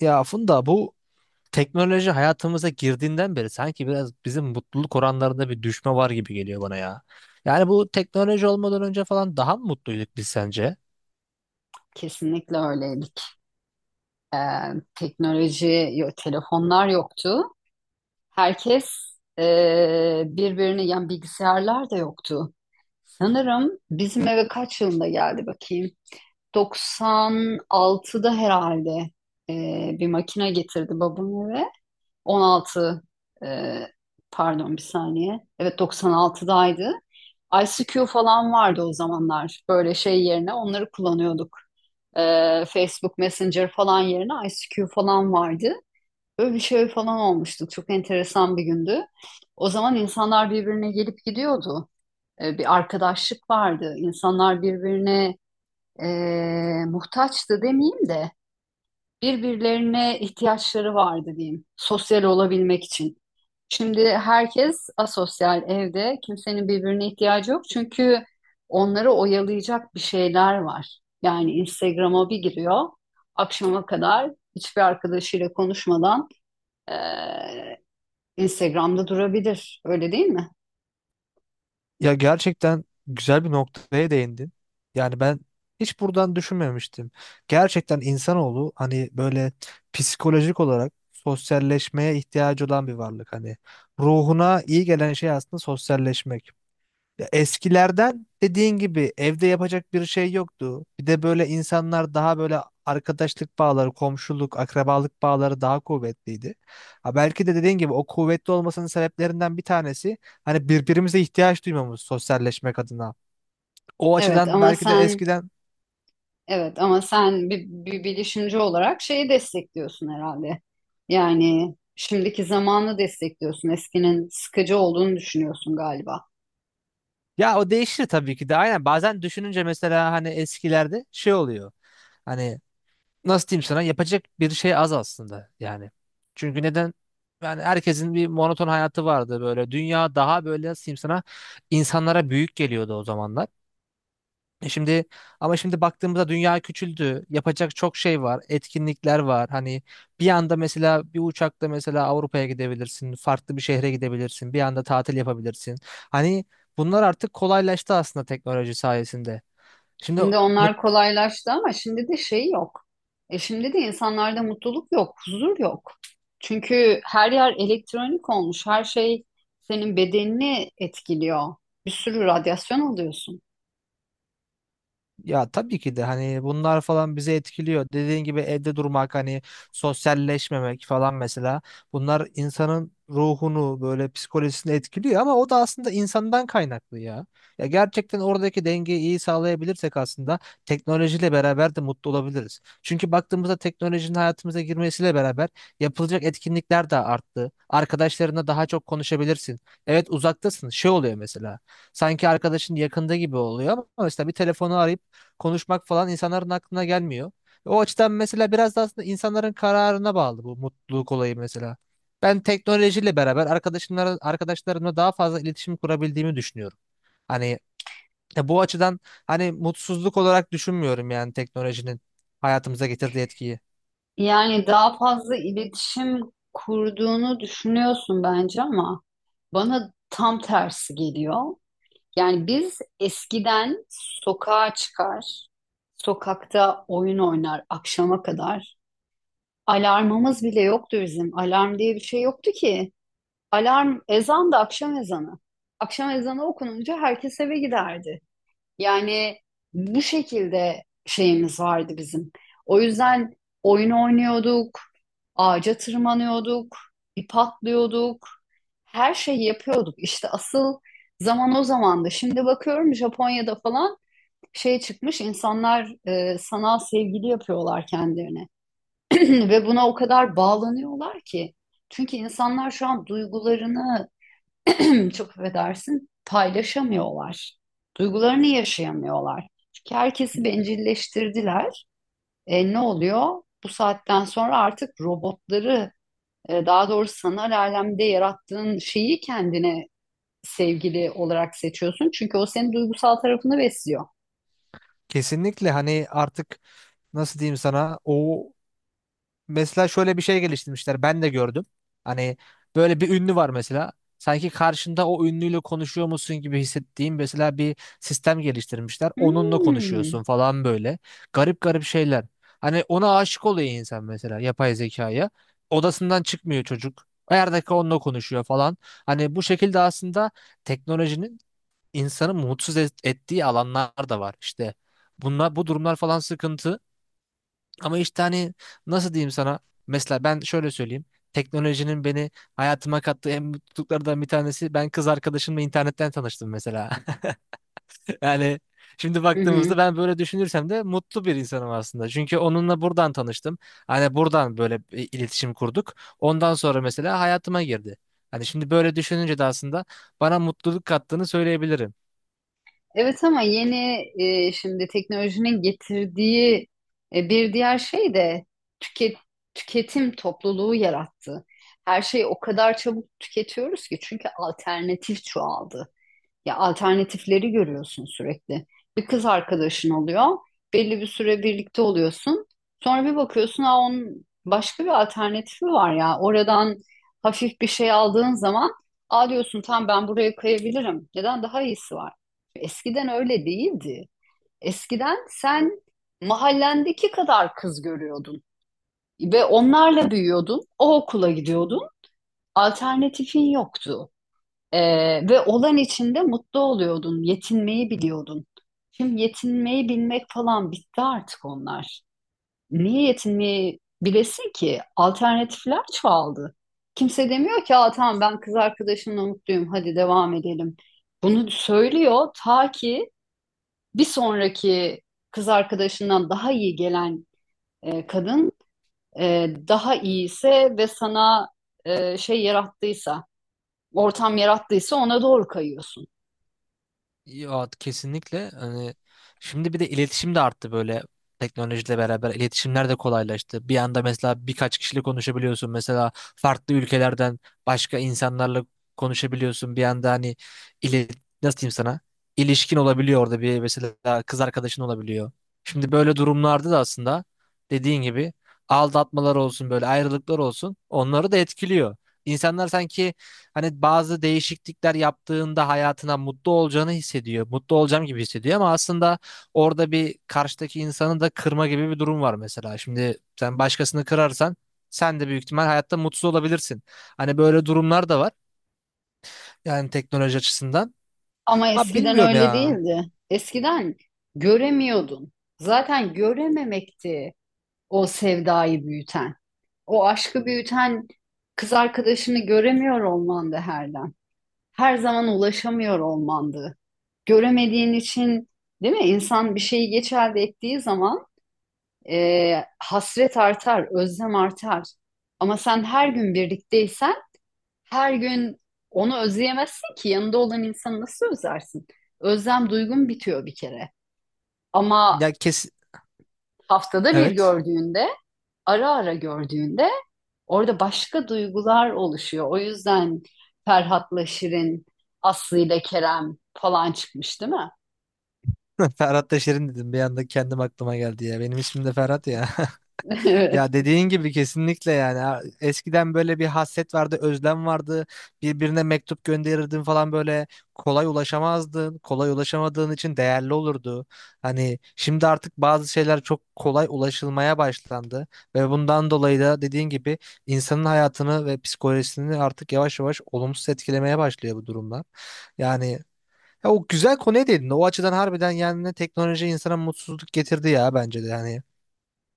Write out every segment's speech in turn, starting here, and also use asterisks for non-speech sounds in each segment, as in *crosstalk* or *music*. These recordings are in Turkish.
Ya Funda, bu teknoloji hayatımıza girdiğinden beri sanki biraz bizim mutluluk oranlarında bir düşme var gibi geliyor bana ya. Yani bu teknoloji olmadan önce falan daha mı mutluyduk biz sence? Kesinlikle öyleydik. Teknoloji, telefonlar yoktu. Herkes birbirini, yani bilgisayarlar da yoktu. Sanırım bizim eve kaç yılında geldi bakayım. 96'da herhalde bir makine getirdi babam eve. 16, eee, pardon bir saniye. Evet 96'daydı. ICQ falan vardı o zamanlar. Böyle şey yerine onları kullanıyorduk. Facebook Messenger falan yerine ICQ falan vardı. Böyle bir şey falan olmuştu. Çok enteresan bir gündü. O zaman insanlar birbirine gelip gidiyordu. Bir arkadaşlık vardı. İnsanlar birbirine e, muhtaçtı demeyeyim de birbirlerine ihtiyaçları vardı diyeyim. Sosyal olabilmek için. Şimdi herkes asosyal evde. Kimsenin birbirine ihtiyacı yok. Çünkü onları oyalayacak bir şeyler var. Yani Instagram'a bir giriyor. Akşama kadar hiçbir arkadaşıyla konuşmadan eee, Instagram'da durabilir. Öyle değil mi? Ya gerçekten güzel bir noktaya değindin. Yani ben hiç buradan düşünmemiştim. Gerçekten insanoğlu hani böyle psikolojik olarak sosyalleşmeye ihtiyacı olan bir varlık. Hani ruhuna iyi gelen şey aslında sosyalleşmek. Ya eskilerden dediğin gibi evde yapacak bir şey yoktu. Bir de böyle insanlar daha böyle arkadaşlık bağları, komşuluk, akrabalık bağları daha kuvvetliydi. Ha belki de dediğin gibi o kuvvetli olmasının sebeplerinden bir tanesi hani birbirimize ihtiyaç duymamız sosyalleşmek adına. O Evet açıdan ama belki de sen eskiden Evet ama sen bir bilişimci olarak şeyi destekliyorsun herhalde. Yani şimdiki zamanı destekliyorsun. Eskinin sıkıcı olduğunu düşünüyorsun galiba. ya o değişir tabii ki de aynen, bazen düşününce mesela hani eskilerde şey oluyor. Hani nasıl diyeyim sana, yapacak bir şey az aslında yani. Çünkü neden? Yani herkesin bir monoton hayatı vardı böyle. Dünya daha böyle, nasıl diyeyim sana, insanlara büyük geliyordu o zamanlar. E şimdi, ama şimdi baktığımızda dünya küçüldü. Yapacak çok şey var. Etkinlikler var. Hani bir anda mesela bir uçakla mesela Avrupa'ya gidebilirsin. Farklı bir şehre gidebilirsin. Bir anda tatil yapabilirsin. Hani bunlar artık kolaylaştı aslında teknoloji sayesinde. Şimdi Şimdi mut, onlar kolaylaştı ama şimdi de şey yok. E şimdi de insanlarda mutluluk yok, huzur yok. Çünkü her yer elektronik olmuş. Her şey senin bedenini etkiliyor. Bir sürü radyasyon alıyorsun. ya tabii ki de hani bunlar falan bizi etkiliyor. Dediğin gibi evde durmak, hani sosyalleşmemek falan mesela, bunlar insanın ruhunu böyle psikolojisini etkiliyor ama o da aslında insandan kaynaklı ya. Ya gerçekten oradaki dengeyi iyi sağlayabilirsek aslında teknolojiyle beraber de mutlu olabiliriz. Çünkü baktığımızda teknolojinin hayatımıza girmesiyle beraber yapılacak etkinlikler de arttı. Arkadaşlarına daha çok konuşabilirsin. Evet uzaktasın. Şey oluyor mesela. Sanki arkadaşın yakında gibi oluyor ama mesela bir telefonu arayıp konuşmak falan insanların aklına gelmiyor. O açıdan mesela biraz da aslında insanların kararına bağlı bu mutluluk olayı mesela. Ben teknolojiyle beraber arkadaşımla, arkadaşlarımla daha fazla iletişim kurabildiğimi düşünüyorum. Hani bu açıdan hani mutsuzluk olarak düşünmüyorum yani teknolojinin hayatımıza getirdiği etkiyi. Yani daha fazla iletişim kurduğunu düşünüyorsun bence ama bana tam tersi geliyor. Yani biz eskiden sokağa çıkar, sokakta oyun oynar akşama kadar. Alarmımız bile yoktu bizim. Alarm diye bir şey yoktu ki. Alarm ezan da akşam ezanı. Akşam ezanı okununca herkes eve giderdi. Yani bu şekilde şeyimiz vardı bizim. O yüzden oyun oynuyorduk, ağaca tırmanıyorduk, ip atlıyorduk, her şeyi yapıyorduk. İşte asıl zaman o zamandı. Şimdi bakıyorum Japonya'da falan şey çıkmış, insanlar sanal sevgili yapıyorlar kendilerine. *clears throat* Ve buna o kadar bağlanıyorlar ki. Çünkü insanlar şu an duygularını, *clears throat* çok affedersin, paylaşamıyorlar. Duygularını yaşayamıyorlar. Çünkü herkesi bencilleştirdiler. Ne oluyor? Bu saatten sonra artık robotları, daha doğrusu sanal alemde yarattığın şeyi kendine sevgili olarak seçiyorsun. Çünkü o senin duygusal tarafını besliyor. Kesinlikle hani artık nasıl diyeyim sana o, mesela şöyle bir şey geliştirmişler. Ben de gördüm. Hani böyle bir ünlü var mesela. Sanki karşında o ünlüyle konuşuyor musun gibi hissettiğim mesela bir sistem geliştirmişler. Onunla Hmm. konuşuyorsun falan böyle. Garip garip şeyler. Hani ona aşık oluyor insan mesela yapay zekaya. Odasından çıkmıyor çocuk. Her dakika onunla konuşuyor falan. Hani bu şekilde aslında teknolojinin insanı ettiği alanlar da var. İşte bunlar, bu durumlar falan sıkıntı. Ama işte hani nasıl diyeyim sana? Mesela ben şöyle söyleyeyim. Teknolojinin beni hayatıma kattığı en mutluluklardan bir tanesi, ben kız arkadaşımla internetten tanıştım mesela. *laughs* Yani şimdi Hı hı. baktığımızda ben böyle düşünürsem de mutlu bir insanım aslında. Çünkü onunla buradan tanıştım. Hani buradan böyle bir iletişim kurduk. Ondan sonra mesela hayatıma girdi. Hani şimdi böyle düşününce de aslında bana mutluluk kattığını söyleyebilirim. Evet ama yeni şimdi teknolojinin getirdiği bir diğer şey de tüket, tüketim topluluğu yarattı. Her şeyi o kadar çabuk tüketiyoruz ki çünkü alternatif çoğaldı. Ya alternatifleri görüyorsun sürekli. Bir kız arkadaşın oluyor. Belli bir süre birlikte oluyorsun. Sonra bir bakıyorsun ha onun başka bir alternatifi var ya. Oradan hafif bir şey aldığın zaman aa diyorsun tamam ben buraya kayabilirim. Neden? Daha iyisi var. Eskiden öyle değildi. Eskiden sen mahallendeki kadar kız görüyordun ve onlarla büyüyordun. O okula gidiyordun. Alternatifin yoktu. Ve olan içinde mutlu oluyordun, yetinmeyi biliyordun. Şimdi yetinmeyi bilmek falan bitti artık onlar. Niye yetinmeyi bilesin ki? Alternatifler çoğaldı. Kimse demiyor ki, aa, tamam ben kız arkadaşımla mutluyum, hadi devam edelim. Bunu söylüyor ta ki bir sonraki kız arkadaşından daha iyi gelen kadın daha iyiyse ve sana şey yarattıysa, ortam yarattıysa ona doğru kayıyorsun. Ya kesinlikle hani şimdi bir de iletişim de arttı böyle, teknolojiyle beraber iletişimler de kolaylaştı. Bir anda mesela birkaç kişiyle konuşabiliyorsun. Mesela farklı ülkelerden başka insanlarla konuşabiliyorsun. Bir anda hani ile nasıl diyeyim sana? İlişkin olabiliyor orada, bir mesela kız arkadaşın olabiliyor. Şimdi böyle durumlarda da aslında dediğin gibi aldatmalar olsun, böyle ayrılıklar olsun, onları da etkiliyor. İnsanlar sanki, hani bazı değişiklikler yaptığında hayatına mutlu olacağını hissediyor. Mutlu olacağım gibi hissediyor ama aslında orada bir karşıdaki insanı da kırma gibi bir durum var mesela. Şimdi sen başkasını kırarsan sen de büyük ihtimal hayatta mutsuz olabilirsin. Hani böyle durumlar da var. Yani teknoloji açısından. Ama Ha eskiden bilmiyorum öyle ya. değildi. Eskiden göremiyordun. Zaten görememekti o sevdayı büyüten. O aşkı büyüten kız arkadaşını göremiyor olmandı herden. Her zaman ulaşamıyor olmandı. Göremediğin için değil mi? İnsan bir şeyi geç elde ettiği zaman hasret artar, özlem artar. Ama sen her gün birlikteysen her gün onu özleyemezsin ki yanında olan insanı nasıl özlersin? Özlem duygun bitiyor bir kere. Ama Ya kes, haftada bir evet. gördüğünde, ara ara gördüğünde orada başka duygular oluşuyor. O yüzden Ferhat'la Şirin, Aslı ile Kerem falan çıkmış değil mi? *laughs* Ferhat Taşerin dedim. Bir anda kendim aklıma geldi ya. Benim ismim de Ferhat ya. *laughs* *laughs* Ya Evet. dediğin gibi kesinlikle yani. Ha- eskiden böyle bir hasret vardı, özlem vardı. Birbirine mektup gönderirdin falan böyle, kolay ulaşamazdın. Kolay ulaşamadığın için değerli olurdu. Hani şimdi artık bazı şeyler çok kolay ulaşılmaya başlandı ve bundan dolayı da dediğin gibi insanın hayatını ve psikolojisini artık yavaş yavaş olumsuz etkilemeye başlıyor bu durumlar. Yani ya, o güzel konuya değindin. O açıdan harbiden yani teknoloji insana mutsuzluk getirdi ya, bence de yani.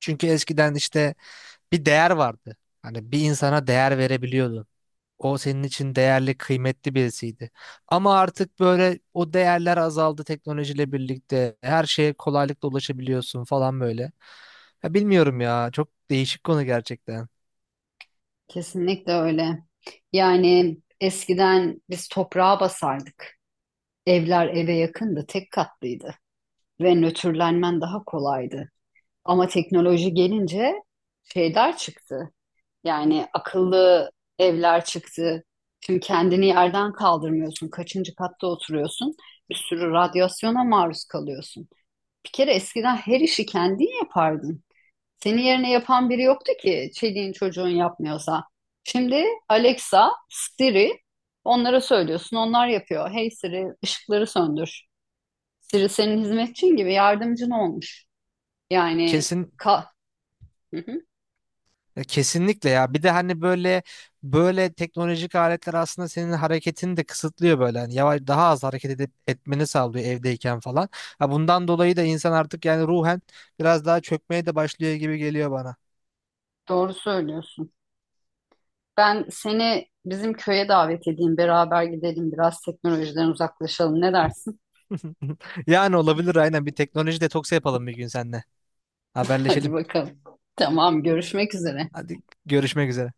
Çünkü eskiden işte bir değer vardı. Hani bir insana değer verebiliyordun. O senin için değerli, kıymetli birisiydi. Ama artık böyle o değerler azaldı teknolojiyle birlikte. Her şeye kolaylıkla ulaşabiliyorsun falan böyle. Ya bilmiyorum ya. Çok değişik konu gerçekten. Kesinlikle öyle. Yani eskiden biz toprağa basardık. Evler eve yakındı, tek katlıydı ve nötrlenmen daha kolaydı. Ama teknoloji gelince şeyler çıktı. Yani akıllı evler çıktı. Çünkü kendini yerden kaldırmıyorsun. Kaçıncı katta oturuyorsun? Bir sürü radyasyona maruz kalıyorsun. Bir kere eskiden her işi kendin yapardın. Senin yerine yapan biri yoktu ki çeliğin çocuğun yapmıyorsa. Şimdi Alexa, Siri onlara söylüyorsun. Onlar yapıyor. Hey Siri, ışıkları söndür. Siri senin hizmetçin gibi yardımcın olmuş. Yani Kesin, ka hı hı. ya kesinlikle ya. Bir de hani böyle böyle teknolojik aletler aslında senin hareketini de kısıtlıyor böyle. Hani yavaş daha az hareket edip etmeni sağlıyor evdeyken falan. Ha bundan dolayı da insan artık yani ruhen biraz daha çökmeye de başlıyor gibi geliyor bana. Doğru söylüyorsun. Ben seni bizim köye davet edeyim. Beraber gidelim biraz teknolojiden uzaklaşalım. Ne dersin? *laughs* Yani olabilir, aynen bir teknoloji detoksu yapalım bir gün seninle. *laughs* Hadi Haberleşelim. bakalım. Tamam, görüşmek üzere. Hadi görüşmek üzere.